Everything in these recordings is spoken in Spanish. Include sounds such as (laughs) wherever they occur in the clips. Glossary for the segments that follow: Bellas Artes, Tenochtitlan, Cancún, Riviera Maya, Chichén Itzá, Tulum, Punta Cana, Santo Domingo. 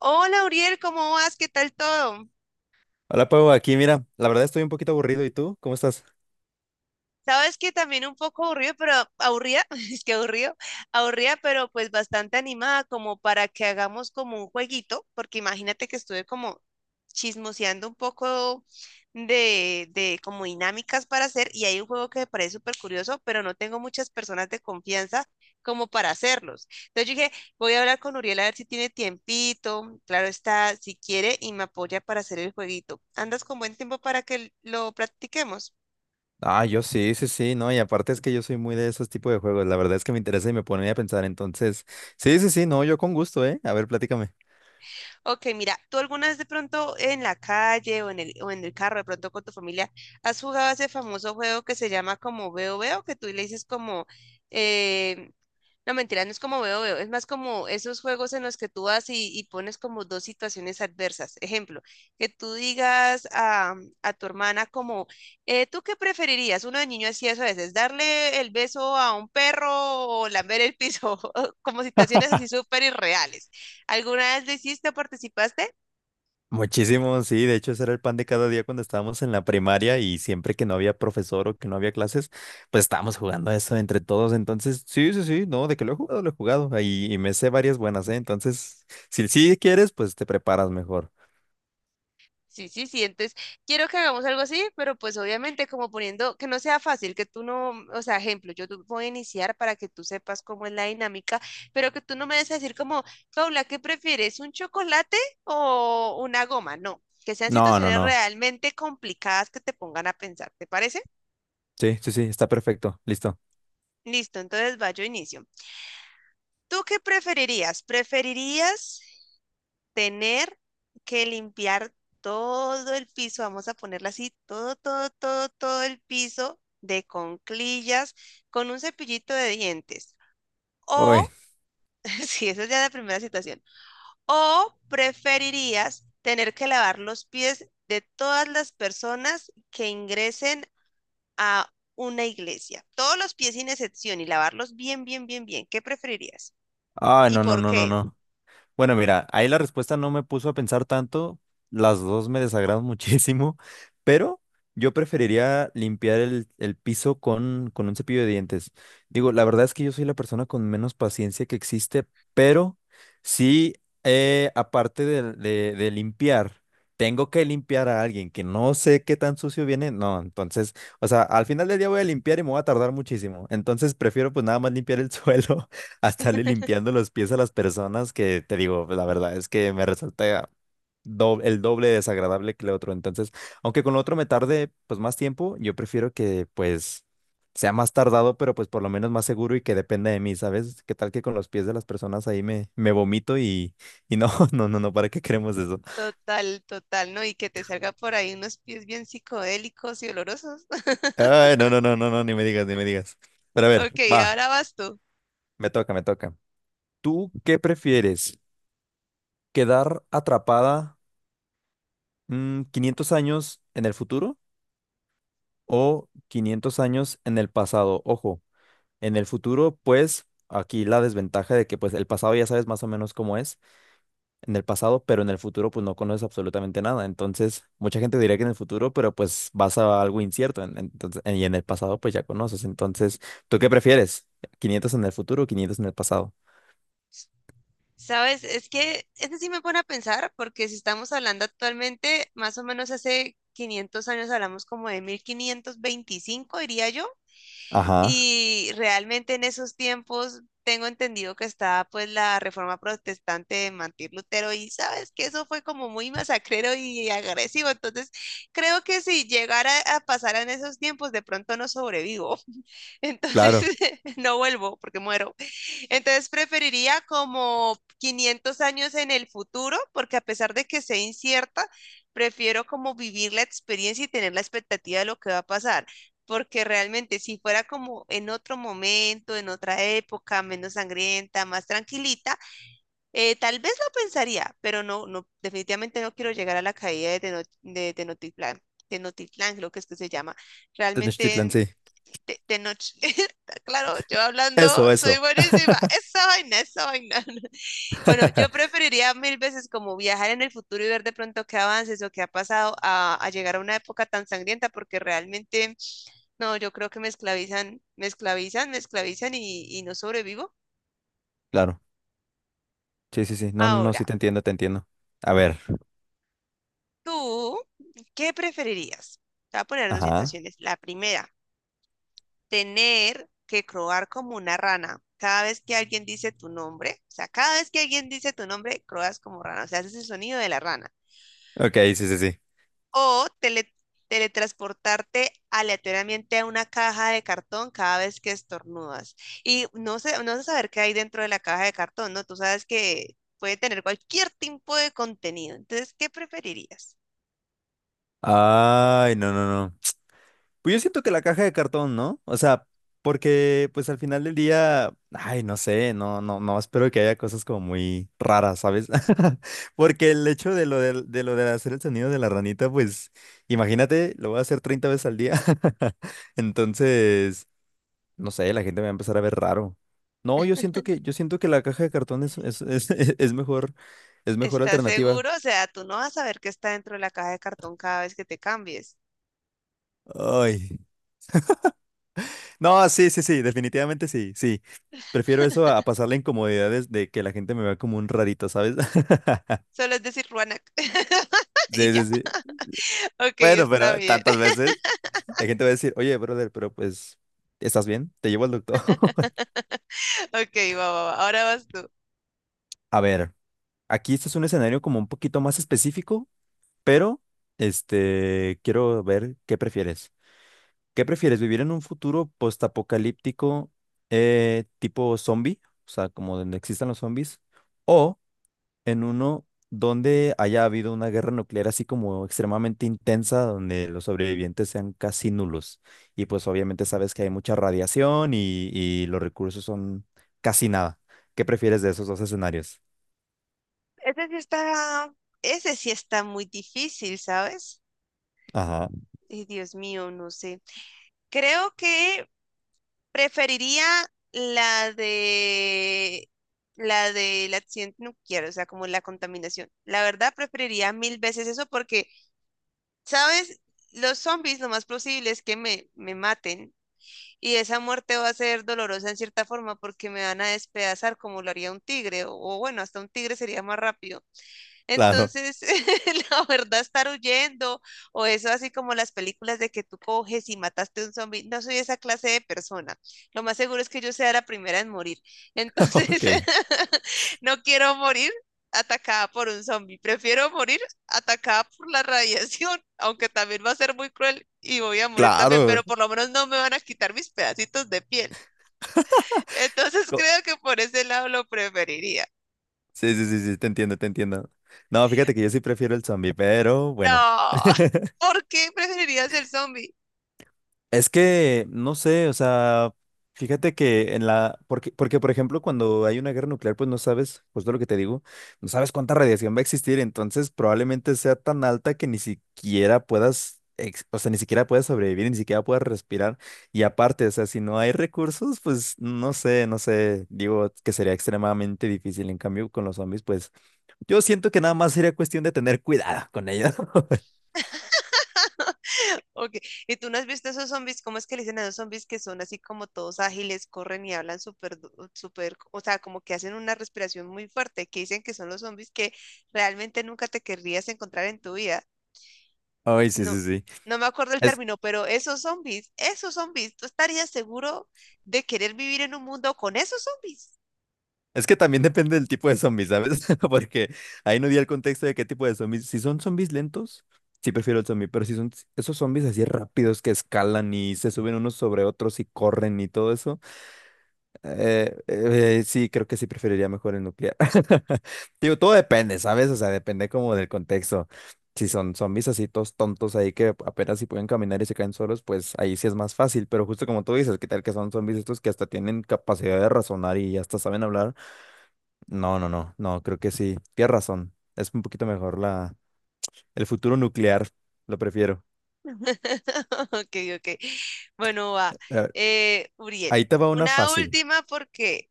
Hola, Uriel, ¿cómo vas? ¿Qué tal todo? Hola Pau, aquí mira, la verdad estoy un poquito aburrido. ¿Y tú? ¿Cómo estás? Sabes que también un poco aburrido, pero aburrida, (laughs) es que aburrido, aburrida, pero pues bastante animada como para que hagamos como un jueguito, porque imagínate que estuve como chismoseando un poco de como dinámicas para hacer y hay un juego que me parece súper curioso, pero no tengo muchas personas de confianza como para hacerlos. Entonces yo dije, voy a hablar con Uriel a ver si tiene tiempito, claro está, si quiere y me apoya para hacer el jueguito. ¿Andas con buen tiempo para que lo practiquemos? Ah, yo sí, sí, sí, no, y aparte es que yo soy muy de esos tipos de juegos. La verdad es que me interesa y me pone a pensar. Entonces, sí, sí, sí, no, yo con gusto, ¿eh? A ver, platícame. Ok, mira, ¿tú alguna vez de pronto en la calle o en el carro, de pronto con tu familia, has jugado ese famoso juego que se llama como Veo Veo, que tú le dices como, eh, no, mentira, no es como veo, veo, es más como esos juegos en los que tú vas y pones como dos situaciones adversas. Ejemplo, que tú digas a tu hermana como, ¿tú qué preferirías? Uno de niño hacía eso a veces, darle el beso a un perro o lamber el piso, (laughs) como situaciones así súper irreales. ¿Alguna vez lo hiciste o participaste? Muchísimo, sí, de hecho ese era el pan de cada día cuando estábamos en la primaria y siempre que no había profesor o que no había clases, pues estábamos jugando eso entre todos. Entonces, sí, sí, sí, no, de que lo he jugado ahí y me sé varias buenas, ¿eh? Entonces, si sí quieres, pues te preparas mejor. Sí, sí, sí. Entonces, quiero que hagamos algo así, pero pues obviamente como poniendo que no sea fácil, que tú no, o sea, ejemplo, yo te voy a iniciar para que tú sepas cómo es la dinámica, pero que tú no me des a decir como, Paula, ¿qué prefieres? ¿Un chocolate o una goma? No, que sean No, no, situaciones no. realmente complicadas que te pongan a pensar, ¿te parece? Sí, sí, sí, está perfecto. Listo. Listo, entonces va, yo inicio. ¿Tú qué preferirías? ¿Preferirías tener que limpiar todo el piso, vamos a ponerla así, todo, todo, todo, todo el piso de conclillas con un cepillito de dientes? Uy. O, (laughs) si esa es ya la primera situación, o preferirías tener que lavar los pies de todas las personas que ingresen a una iglesia, todos los pies sin excepción y lavarlos bien, bien, bien, bien. ¿Qué preferirías? Ah, ¿Y no, no, por no, no, qué? no. Bueno, mira, ahí la respuesta no me puso a pensar tanto. Las dos me desagradan (laughs) muchísimo, pero yo preferiría limpiar el piso con un cepillo de dientes. Digo, la verdad es que yo soy la persona con menos paciencia que existe, pero sí, aparte de limpiar, tengo que limpiar a alguien que no sé qué tan sucio viene. No, entonces, o sea, al final del día voy a limpiar y me voy a tardar muchísimo. Entonces prefiero pues nada más limpiar el (laughs) suelo a estarle limpiando los pies a las personas que te digo, la verdad es que me resulta el doble desagradable que el otro. Entonces, aunque con lo otro me tarde pues más tiempo, yo prefiero que pues sea más tardado, pero pues por lo menos más seguro y que dependa de mí, ¿sabes? ¿Qué tal que con los pies de las personas ahí me vomito y no, (laughs) no, no, no, ¿para qué queremos eso? Total, total, ¿no? Y que te salga por ahí unos pies bien psicodélicos y olorosos. (laughs) Ay, no, no, no, no, no, ni me digas, ni me digas. Pero a ver, Ok, va, ahora vas tú. me toca, me toca. ¿Tú qué prefieres? ¿Quedar atrapada? 500 años en el futuro o 500 años en el pasado. Ojo, en el futuro, pues aquí la desventaja de que pues el pasado ya sabes más o menos cómo es en el pasado, pero en el futuro pues no conoces absolutamente nada. Entonces, mucha gente diría que en el futuro, pero pues vas a algo incierto. Entonces, y en el pasado pues ya conoces. Entonces, ¿tú qué prefieres? ¿Quinientos en el futuro o 500 en el pasado? Sabes, es que este sí me pone a pensar, porque si estamos hablando actualmente, más o menos hace 500 años hablamos como de 1525, diría yo. Ajá, Y realmente en esos tiempos tengo entendido que estaba pues la reforma protestante de Martín Lutero y sabes que eso fue como muy masacrero y agresivo. Entonces creo que si llegara a pasar en esos tiempos de pronto no sobrevivo. Entonces, claro. (laughs) no vuelvo porque muero. Entonces, preferiría como 500 años en el futuro, porque a pesar de que sea incierta, prefiero como vivir la experiencia y tener la expectativa de lo que va a pasar. Porque realmente si fuera como en otro momento, en otra época, menos sangrienta, más tranquilita, tal vez lo pensaría, pero no, no, definitivamente no quiero llegar a la caída de, Tenochtitlán, Tenochtitlán, creo que es que se llama. Tenochtitlan, Realmente sí. De noche. (laughs) Claro, yo hablando Eso, soy eso. buenísima. Esa vaina, esa vaina. (laughs) Bueno, yo (laughs) preferiría mil veces como viajar en el futuro y ver de pronto qué avances o qué ha pasado a llegar a una época tan sangrienta, porque realmente, no, yo creo que me esclavizan, me esclavizan, me esclavizan y no sobrevivo. Claro. Sí, sí, sí. No, no, no, Ahora, sí te entiendo, te entiendo. A ver. ¿tú qué preferirías? Te voy a poner dos Ajá. situaciones. La primera, tener que croar como una rana. Cada vez que alguien dice tu nombre, o sea, cada vez que alguien dice tu nombre, croas como rana, o sea, haces el sonido de la rana. Ok, sí, sí, sí. O teletransportarte aleatoriamente a una caja de cartón cada vez que estornudas. Y no sé, no sé saber qué hay dentro de la caja de cartón, ¿no? Tú sabes que puede tener cualquier tipo de contenido. Entonces, ¿qué preferirías? Ay, no, no, no. Pues yo siento que la caja de cartón, ¿no? O sea, porque pues al final del día, ay, no sé, no, no, no, espero que haya cosas como muy raras, ¿sabes? (laughs) Porque el hecho de lo de hacer el sonido de la ranita, pues imagínate, lo voy a hacer 30 veces al día. (laughs) Entonces, no sé, la gente me va a empezar a ver raro. No, yo siento yo siento que la caja de cartón (laughs) es mejor, es mejor ¿Estás alternativa. seguro? O sea, tú no vas a saber qué está dentro de la caja de cartón cada vez que te cambies. Ay. No, sí, sí, sí, definitivamente sí, sí. Prefiero eso a pasar la incomodidad de que la gente me vea como un rarito, ¿sabes? (laughs) Solo es decir Ruanac. (laughs) Y Sí, ya. sí, sí. Ok, Bueno, está pero bien. tantas veces la gente va a decir, oye, brother, pero pues, ¿estás bien? Te llevo al doctor. (laughs) (laughs) Ok, va, va, va. Ahora vas tú. A ver, aquí este es un escenario como un poquito más específico, pero este, quiero ver qué prefieres. ¿Qué prefieres? ¿Vivir en un futuro postapocalíptico, tipo zombie? O sea, como donde existan los zombies. O en uno donde haya habido una guerra nuclear así como extremadamente intensa, donde los sobrevivientes sean casi nulos. Y pues obviamente sabes que hay mucha radiación y los recursos son casi nada. ¿Qué prefieres de esos dos escenarios? Ese sí está, ese sí está muy difícil, ¿sabes? Ajá, Ay, Dios mío, no sé. Creo que preferiría la de la del accidente nuclear, o sea, como la contaminación. La verdad, preferiría mil veces eso porque, ¿sabes? Los zombies lo más posible es que me maten y esa muerte va a ser dolorosa en cierta forma porque me van a despedazar como lo haría un tigre, o bueno, hasta un tigre sería más rápido, claro, entonces, (laughs) la verdad, estar huyendo o eso así como las películas de que tú coges y mataste a un zombie, no soy esa clase de persona. Lo más seguro es que yo sea la primera en morir. (laughs) Entonces, ok, (laughs) no quiero morir atacada por un zombie. Prefiero morir atacada por la radiación, (laughs) aunque también va a ser muy cruel y voy a morir también, pero claro. por lo menos no me van a quitar mis pedacitos de piel. (laughs) Entonces, Co- creo que por ese lado lo preferiría. Sí, sí, sí, sí, te entiendo, te entiendo. No, fíjate que yo sí prefiero el zombie, pero bueno. No, (laughs) ¿por qué preferirías el zombie? Es que, no sé, o sea, fíjate que en la, porque, porque por ejemplo, cuando hay una guerra nuclear, pues no sabes, pues justo lo que te digo, no sabes cuánta radiación va a existir, entonces probablemente sea tan alta que ni siquiera puedas, o sea, ni siquiera puedas sobrevivir, ni siquiera puedas respirar. Y aparte, o sea, si no hay recursos, pues no sé, no sé, digo que sería extremadamente difícil. En cambio, con los zombies, pues yo siento que nada más sería cuestión de tener cuidado con ellos. (laughs) Okay. ¿Y tú no has visto esos zombies? ¿Cómo es que le dicen a los zombies que son así como todos ágiles, corren y hablan súper, súper, o sea, como que hacen una respiración muy fuerte, que dicen que son los zombies que realmente nunca te querrías encontrar en tu vida? Ay, sí, No, sí, sí. no me acuerdo el término, pero esos zombies, ¿tú estarías seguro de querer vivir en un mundo con esos zombies? Es que también depende del tipo de zombies, ¿sabes? (laughs) Porque ahí no di el contexto de qué tipo de zombies. Si son zombies lentos, sí prefiero el zombie, pero si son esos zombies así rápidos que escalan y se suben unos sobre otros y corren y todo eso, sí, creo que sí preferiría mejor el nuclear. (laughs) Digo, todo depende, ¿sabes? O sea, depende como del contexto. Si son zombies así todos tontos ahí que apenas si pueden caminar y se caen solos, pues ahí sí es más fácil. Pero justo como tú dices, ¿qué tal que son zombies estos que hasta tienen capacidad de razonar y hasta saben hablar? No, no, no, no, creo que sí. Tienes razón. Es un poquito mejor el futuro nuclear. Lo prefiero. (laughs) Ok, ok. Bueno, va. A ver, Uriel, ahí te va una una fácil. última porque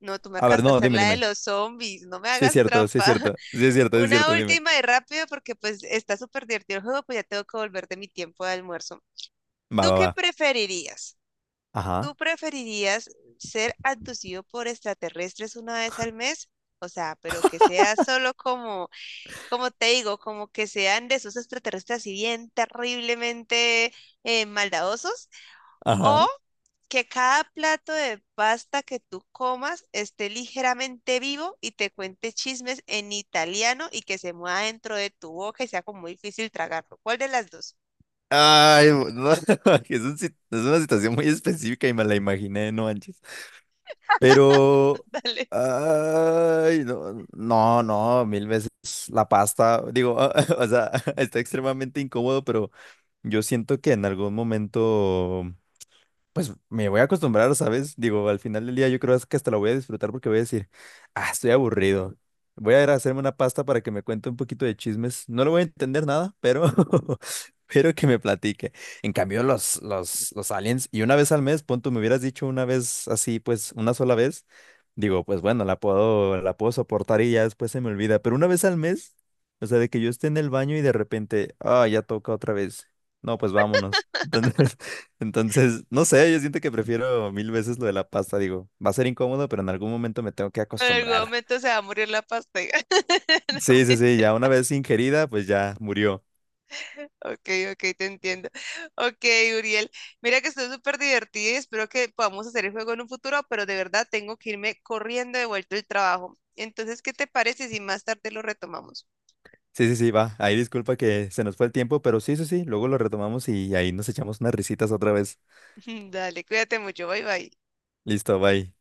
no, tú me A ver, acabas de no, hacer dime, la de dime. los zombies, no me Sí es hagas cierto, sí trampa. es (laughs) cierto. Sí es cierto, sí es Una cierto, dime. última y rápido porque pues está súper divertido el juego, pues ya tengo que volver de mi tiempo de almuerzo. Va, ¿Tú va, qué va. preferirías? ¿Tú Ajá, preferirías ser abducido por extraterrestres una vez al mes? O sea, pero que sea solo como, como te digo, como que sean de esos extraterrestres así bien terriblemente maldadosos o ajá. que cada plato de pasta que tú comas esté ligeramente vivo y te cuente chismes en italiano y que se mueva dentro de tu boca y sea como muy difícil tragarlo. ¿Cuál de las dos? Ay, no, (laughs) es un si- es una situación muy específica y me la imaginé, no manches. (laughs) Pero, Dale. ay, no, no, no, mil veces la pasta, digo, (laughs) o sea, (laughs) está extremadamente incómodo, pero yo siento que en algún momento pues me voy a acostumbrar, ¿sabes? Digo, al final del día yo creo que hasta la voy a disfrutar porque voy a decir, ah, estoy aburrido. Voy a ir a hacerme una pasta para que me cuente un poquito de chismes. No le voy a entender nada, pero, (laughs) pero que me platique. En cambio, los aliens, y una vez al mes, punto, me hubieras dicho una vez así, pues una sola vez, digo, pues bueno, la puedo soportar y ya después se me olvida. Pero una vez al mes, o sea, de que yo esté en el baño y de repente, ah, ya toca otra vez. No, pues vámonos. (laughs) Entonces, no sé, yo siento que prefiero mil veces lo de la pasta, digo, va a ser incómodo, pero en algún momento me tengo que En algún acostumbrar. momento se va a morir la pasta. (laughs) No, Sí, sí, sí, ya una vez ingerida, pues ya murió. ok, ok, te entiendo. Ok, Uriel. Mira que estoy súper divertida y espero que podamos hacer el juego en un futuro, pero de verdad tengo que irme corriendo de vuelta al trabajo. Entonces, ¿qué te parece si más tarde lo retomamos? Sí, sí, sí, va. Ahí disculpa que se nos fue el tiempo, pero sí, sí, sí, luego lo retomamos y ahí nos echamos unas risitas otra vez. (laughs) Dale, cuídate mucho. Bye, bye. Listo, bye.